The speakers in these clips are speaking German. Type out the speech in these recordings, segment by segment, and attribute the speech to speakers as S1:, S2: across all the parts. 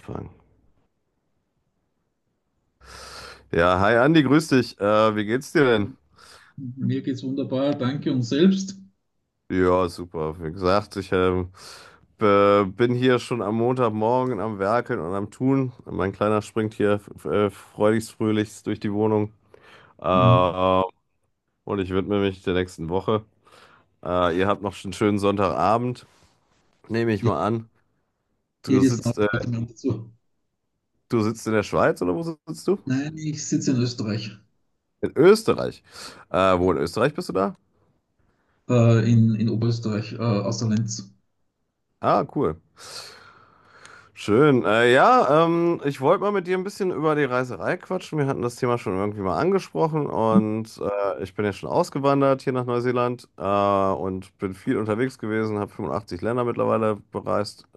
S1: Anfang. Ja, hi Andi, grüß dich. Wie geht's dir denn?
S2: Mir geht's wunderbar, danke und selbst.
S1: Ja, super. Wie gesagt, ich bin hier schon am Montagmorgen am Werkeln und am Tun. Mein Kleiner springt hier freudigst fröhlichst durch die Wohnung.
S2: Mhm.
S1: Äh, und ich widme mich der nächsten Woche. Ihr habt noch einen schönen Sonntagabend, nehme ich
S2: Ja,
S1: mal an. Du
S2: jedes Land
S1: sitzt, äh,
S2: hat einen dazu.
S1: Du sitzt in der Schweiz oder wo sitzt du?
S2: Nein, ich sitze in Österreich,
S1: In Österreich. Wo in Österreich bist du da?
S2: in Oberösterreich, außer Lenz.
S1: Ah, cool. Schön. Ja, ich wollte mal mit dir ein bisschen über die Reiserei quatschen. Wir hatten das Thema schon irgendwie mal angesprochen und ich bin ja schon ausgewandert hier nach Neuseeland und bin viel unterwegs gewesen, habe 85 Länder mittlerweile bereist,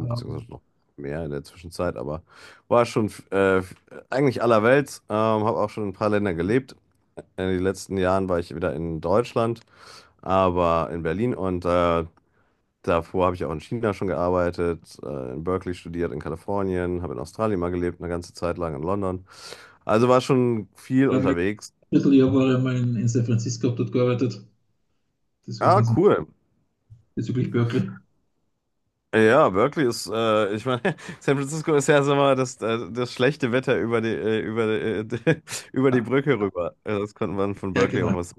S2: Ähm,
S1: noch mehr in der Zwischenzeit, aber war schon eigentlich allerwelts, habe auch schon in ein paar Länder gelebt. In den letzten Jahren war ich wieder in Deutschland, aber in Berlin und davor habe ich auch in China schon gearbeitet, in Berkeley studiert, in Kalifornien, habe in Australien mal gelebt, eine ganze Zeit lang in London. Also war schon viel
S2: ja, mein
S1: unterwegs.
S2: Vierteljahr war ich einmal in San Francisco, hab dort gearbeitet. Das war
S1: Ah,
S2: ganz
S1: cool.
S2: bezüglich Berkeley.
S1: Ja, ich meine, San Francisco ist ja so mal das schlechte Wetter über über die, äh, über die Brücke rüber. Das konnte man von
S2: Ja,
S1: Berkeley auch
S2: genau,
S1: was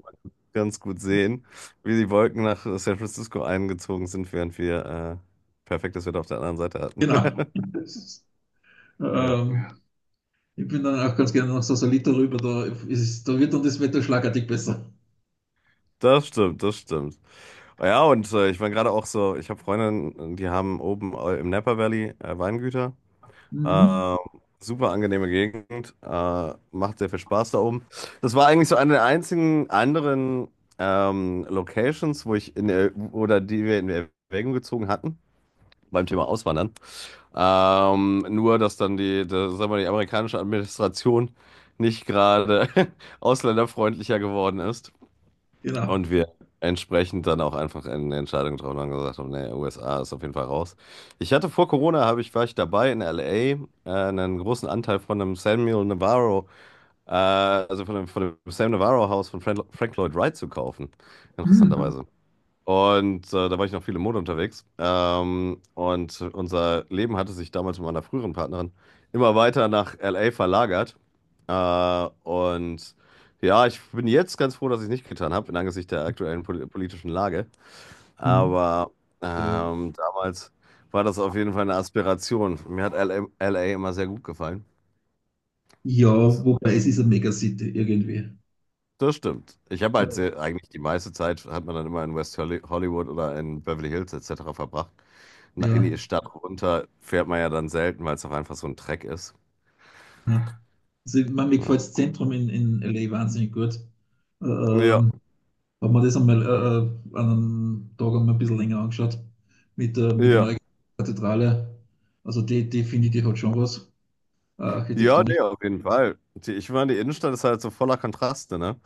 S1: ganz gut sehen, wie die Wolken nach San Francisco eingezogen sind, während wir perfektes Wetter auf der anderen Seite hatten.
S2: genau. Das ist,
S1: Ja,
S2: ähm, Ich bin dann auch ganz gerne nach Sausalito rüber, da wird dann das Wetter schlagartig besser.
S1: das stimmt, das stimmt. Ja, und ich war gerade auch so, ich habe Freundinnen, die haben oben im Napa Valley Weingüter.
S2: Mhm.
S1: Äh, Super angenehme Gegend, macht sehr viel Spaß da oben. Das war eigentlich so eine der einzigen anderen Locations, wo ich in der, oder die wir in Erwägung gezogen hatten beim Thema Auswandern. Nur, dass dann sagen wir mal, die amerikanische Administration nicht gerade ausländerfreundlicher geworden ist.
S2: Genau.
S1: Und wir entsprechend dann auch einfach eine Entscheidung getroffen haben und gesagt haben, nee, USA ist auf jeden Fall raus. Ich hatte vor Corona, habe ich, war ich dabei in LA, einen großen Anteil von einem Samuel Navarro, von dem Sam Navarro Haus von Frank Lloyd Wright zu kaufen.
S2: Mhm.
S1: Interessanterweise. Und da war ich noch viel im Mode unterwegs. Und unser Leben hatte sich damals mit meiner früheren Partnerin immer weiter nach LA verlagert. Äh, und ja, ich bin jetzt ganz froh, dass ich es nicht getan habe, in Angesicht der aktuellen politischen Lage. Aber damals war das auf jeden Fall eine Aspiration. Mir hat LA immer sehr gut gefallen.
S2: Ja,
S1: Das,
S2: wobei es ist eine Megacity irgendwie.
S1: Das stimmt. Ich habe halt
S2: Äh,
S1: sehr, eigentlich die meiste Zeit, hat man dann immer in Hollywood oder in Beverly Hills etc. verbracht. Na, in
S2: ja,
S1: die Stadt runter fährt man ja dann selten, weil es auch einfach so ein Dreck ist.
S2: ja. Also, ich meine, mir gefällt
S1: Ja,
S2: das Zentrum in LA wahnsinnig gut. Äh,
S1: ja,
S2: Ähm, Haben wir das einmal an einem Tag einmal ein bisschen länger angeschaut mit der
S1: ja.
S2: neuen Kathedrale. Also die finde ich, die hat schon was,
S1: Ja,
S2: architektonisch.
S1: nee, auf jeden Fall. Die, ich meine, die Innenstadt ist halt so voller Kontraste, ne?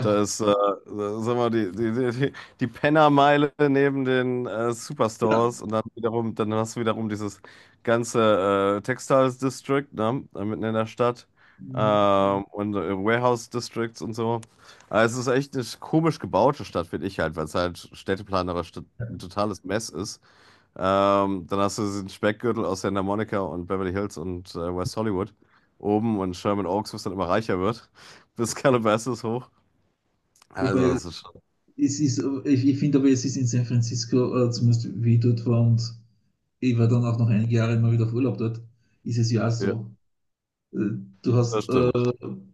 S1: Da ist, sag mal, die, die, die, die die Pennermeile neben den
S2: ja.
S1: Superstores und dann hast du wiederum dieses ganze Textiles District, ne? Da mitten in der Stadt.
S2: Mhm.
S1: Warehouse Districts und so. Also es ist echt eine komisch gebaute Stadt, finde ich halt, weil es halt städteplanerisch ein totales Mess ist. Dann hast du diesen Speckgürtel aus Santa Monica und Beverly Hills und West Hollywood oben und Sherman Oaks, was dann immer reicher wird, bis Calabasas hoch. Also,
S2: Wobei
S1: das ist schon,
S2: es ist, ich finde aber, es ist in San Francisco, zumindest wie ich dort war und ich war dann auch noch einige Jahre immer wieder auf Urlaub dort, ist es ja auch
S1: ja,
S2: so. Äh, Du
S1: das
S2: hast
S1: stimmt.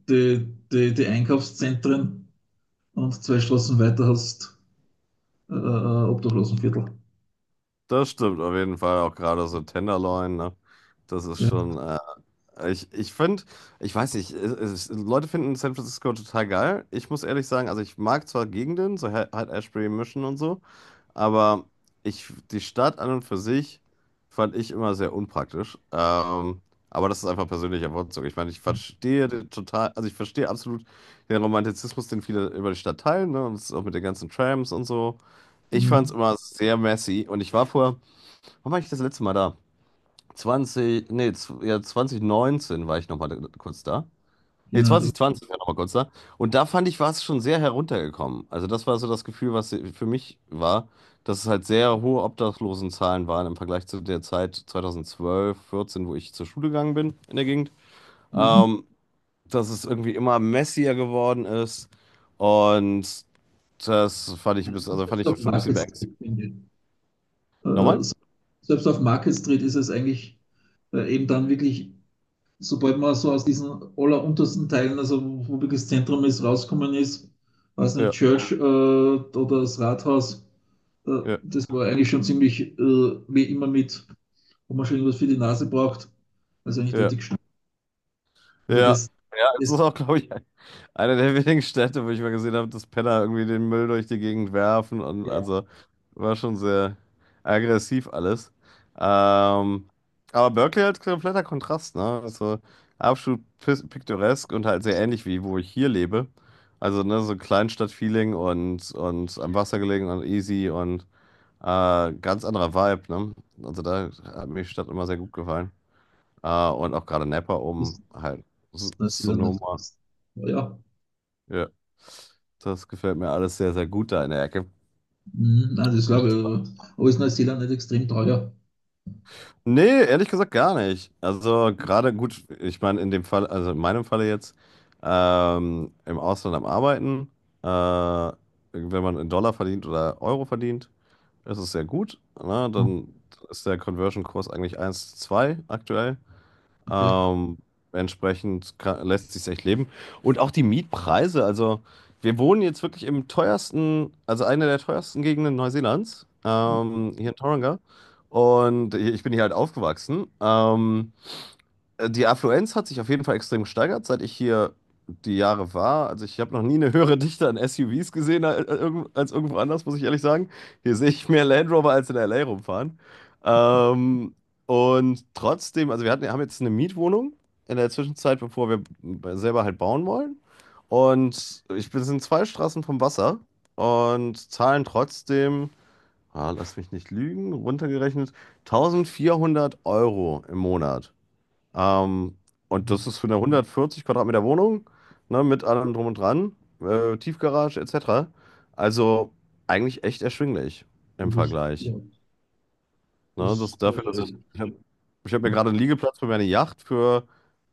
S2: die, die Einkaufszentren und zwei Straßen weiter hast Obdachlosenviertel.
S1: Das stimmt auf jeden Fall, auch gerade so Tenderloin, ne? Das ist
S2: Ja.
S1: schon Ich finde, ich weiß nicht, Leute finden San Francisco total geil. Ich muss ehrlich sagen, also ich mag zwar Gegenden, so halt Ashbury Mission und so, aber die Stadt an und für sich fand ich immer sehr unpraktisch. Aber das ist einfach persönlicher Wortzug. Ich meine, ich verstehe den total, also ich verstehe absolut den Romantizismus, den viele über die Stadt teilen, ne? Und das ist auch mit den ganzen Trams und so. Ich fand es
S2: Mhm.
S1: immer sehr messy und wann war ich das letzte Mal da? 20, nee, zw- ja, 2019 war ich nochmal kurz da. Nee,
S2: Genau.
S1: 2020 war ich nochmal kurz da. Und da fand ich, war es schon sehr heruntergekommen. Also das war so das Gefühl, was für mich war, dass es halt sehr hohe Obdachlosenzahlen waren im Vergleich zu der Zeit 2012, 14, wo ich zur Schule gegangen bin in der Gegend.
S2: Mhm.
S1: Ähm, Dass es irgendwie immer messier geworden ist. Und das fand ich ein bisschen, also fand
S2: Selbst
S1: ich
S2: auf
S1: schon ein bisschen
S2: Market
S1: beängstigend.
S2: Street, finde ich. Äh,
S1: Nochmal?
S2: se- Selbst auf Market Street ist es eigentlich eben dann wirklich, sobald man so aus diesen alleruntersten Teilen, also wo wirklich das Zentrum ist, rauskommen ist, weiß nicht,
S1: Ja,
S2: Church oder das Rathaus, äh,
S1: ja,
S2: das war eigentlich schon ziemlich wie immer mit. Ob man schon irgendwas für die Nase braucht. Also eigentlich der
S1: ja.
S2: Dickschnitt. Also
S1: Ja. Ja, es
S2: das,
S1: ist auch, glaube ich, eine der wenigen Städte, wo ich mal gesehen habe, dass Penner irgendwie den Müll durch die Gegend werfen, und
S2: ja,
S1: also war schon sehr aggressiv alles. Ähm, aber Berkeley halt kompletter Kontrast, ne? Also absolut piktoresk und halt sehr ähnlich wie wo ich hier lebe. Also ne, so Kleinstadt-Feeling und am Wasser gelegen und easy und ganz anderer Vibe, ne? Also da hat mir die Stadt immer sehr gut gefallen. Und auch gerade Napa
S2: ist
S1: oben, halt
S2: ist Neuseeland nicht.
S1: Sonoma.
S2: Ja,
S1: Ja, das gefällt mir alles sehr, sehr gut da in der Ecke.
S2: nein, das glaube ich. Aber ist Neuseeland nicht extrem teuer?
S1: Nee, ehrlich gesagt gar nicht. Also gerade gut, ich meine in dem Fall, also in meinem Falle jetzt, im Ausland am Arbeiten, äh, wenn man in Dollar verdient oder Euro verdient, ist es sehr gut. Ne? Dann ist der Conversion-Kurs eigentlich eins zu zwei aktuell.
S2: Okay.
S1: Ähm, Entsprechend lässt sich echt leben. Und auch die Mietpreise, also wir wohnen jetzt wirklich im teuersten, also einer der teuersten Gegenden Neuseelands, hier in Tauranga. Und ich bin hier halt aufgewachsen. Die Affluenz hat sich auf jeden Fall extrem gesteigert, seit ich hier die Jahre war. Also ich habe noch nie eine höhere Dichte an SUVs gesehen als irgendwo anders, muss ich ehrlich sagen. Hier sehe ich mehr Land Rover als in LA rumfahren. Ähm, und trotzdem, haben jetzt eine Mietwohnung in der Zwischenzeit, bevor wir selber halt bauen wollen. Und ich bin sind zwei Straßen vom Wasser und zahlen trotzdem, ah, lass mich nicht lügen, runtergerechnet 1400 € im Monat. Ähm, und das ist für eine 140 Quadratmeter Wohnung, ne, mit allem drum und dran, Tiefgarage etc. Also eigentlich echt erschwinglich im
S2: Das ist,
S1: Vergleich.
S2: ja, das
S1: Ne,
S2: ist
S1: das dafür, dass
S2: teuer.
S1: ich habe ich hab mir
S2: Ja.
S1: gerade einen Liegeplatz für meine Yacht für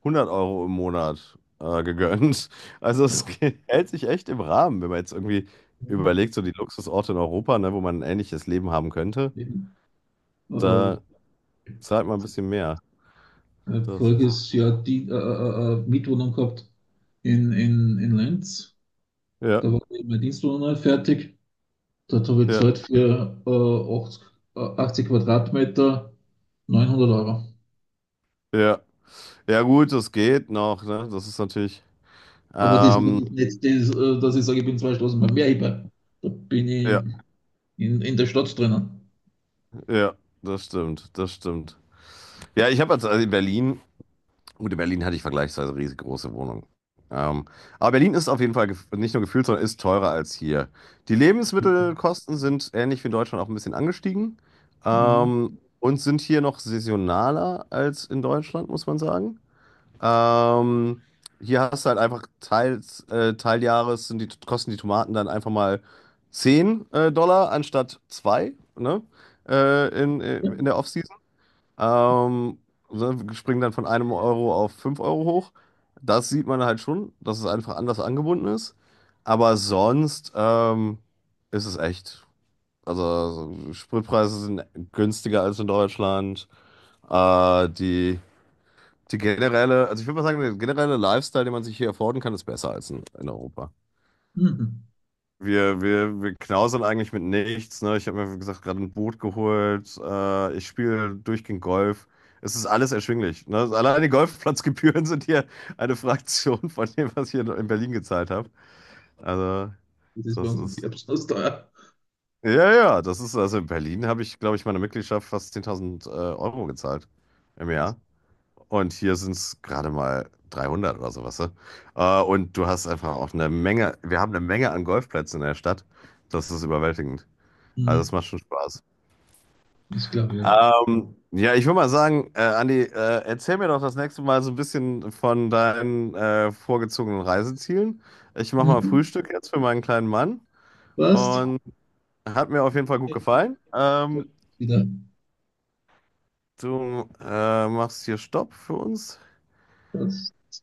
S1: 100 € im Monat gegönnt. Also es hält sich echt im Rahmen, wenn man jetzt irgendwie
S2: Mhm.
S1: überlegt, so die Luxusorte in Europa, ne, wo man ein ähnliches Leben haben könnte,
S2: Eben.
S1: da
S2: Äh,
S1: zahlt man ein bisschen mehr. Das ist,
S2: Voriges Jahr die, Mietwohnung gehabt in Lenz.
S1: ja,
S2: Da war eben meine Dienstwohnung fertig. Dort habe ich
S1: ja,
S2: gezahlt für 80, 80 Quadratmeter 900 Euro.
S1: ja. Ja gut, das geht noch, ne? Das ist natürlich.
S2: Aber das ist
S1: Ähm,
S2: nicht das, dass ich sage, ich bin zwei Straßen beim Meerheber. Da bin ich
S1: ja,
S2: in der Stadt drinnen.
S1: ja, Das stimmt, das stimmt. Ja, ich habe jetzt also in Berlin, gut, in Berlin hatte ich vergleichsweise riesengroße Wohnungen. Ähm, aber Berlin ist auf jeden Fall nicht nur gefühlt, sondern ist teurer als hier. Die Lebensmittelkosten sind ähnlich wie in Deutschland auch ein bisschen angestiegen.
S2: Mhm.
S1: Und sind hier noch saisonaler als in Deutschland, muss man sagen. Ähm, Hier hast du halt einfach teils, Teiljahres kosten die Tomaten dann einfach mal 10 Dollar anstatt zwei, ne?
S2: Ja.
S1: In der Offseason. Ähm, so, wir springen dann von einem Euro auf 5 Euro hoch. Das sieht man halt schon, dass es einfach anders angebunden ist. Aber sonst ist es echt. Also, so Spritpreise sind günstiger als in Deutschland. Äh, die. Die generelle, also ich würde mal sagen, der generelle Lifestyle, den man sich hier erfordern kann, ist besser als in Europa.
S2: Mhm.
S1: Wir knausern eigentlich mit nichts, ne? Ich habe mir, wie gesagt, gerade ein Boot geholt. Ich spiele durchgehend Golf. Es ist alles erschwinglich. Ne? Also allein die Golfplatzgebühren sind hier eine Fraktion von dem, was ich hier in Berlin gezahlt habe. Also,
S2: Das ist bei
S1: das
S2: uns auf
S1: ist.
S2: Erbsen teuer.
S1: Ja, ja, das ist. Also in Berlin habe ich, glaube ich, meine Mitgliedschaft fast 10.000 Euro gezahlt im Jahr. Und hier sind es gerade mal 300 oder sowas. Ne? Und du hast einfach auch eine Menge, wir haben eine Menge an Golfplätzen in der Stadt. Das ist überwältigend. Also das
S2: Mhm.
S1: macht schon Spaß.
S2: Ich glaube, ja.
S1: Ja, ich würde mal sagen, Andi, erzähl mir doch das nächste Mal so ein bisschen von deinen vorgezogenen Reisezielen. Ich mache mal
S2: Mhm.
S1: Frühstück jetzt für meinen kleinen Mann
S2: Passt.
S1: und hat mir auf jeden Fall gut gefallen.
S2: Wieder.
S1: Du machst hier Stopp für uns.
S2: Das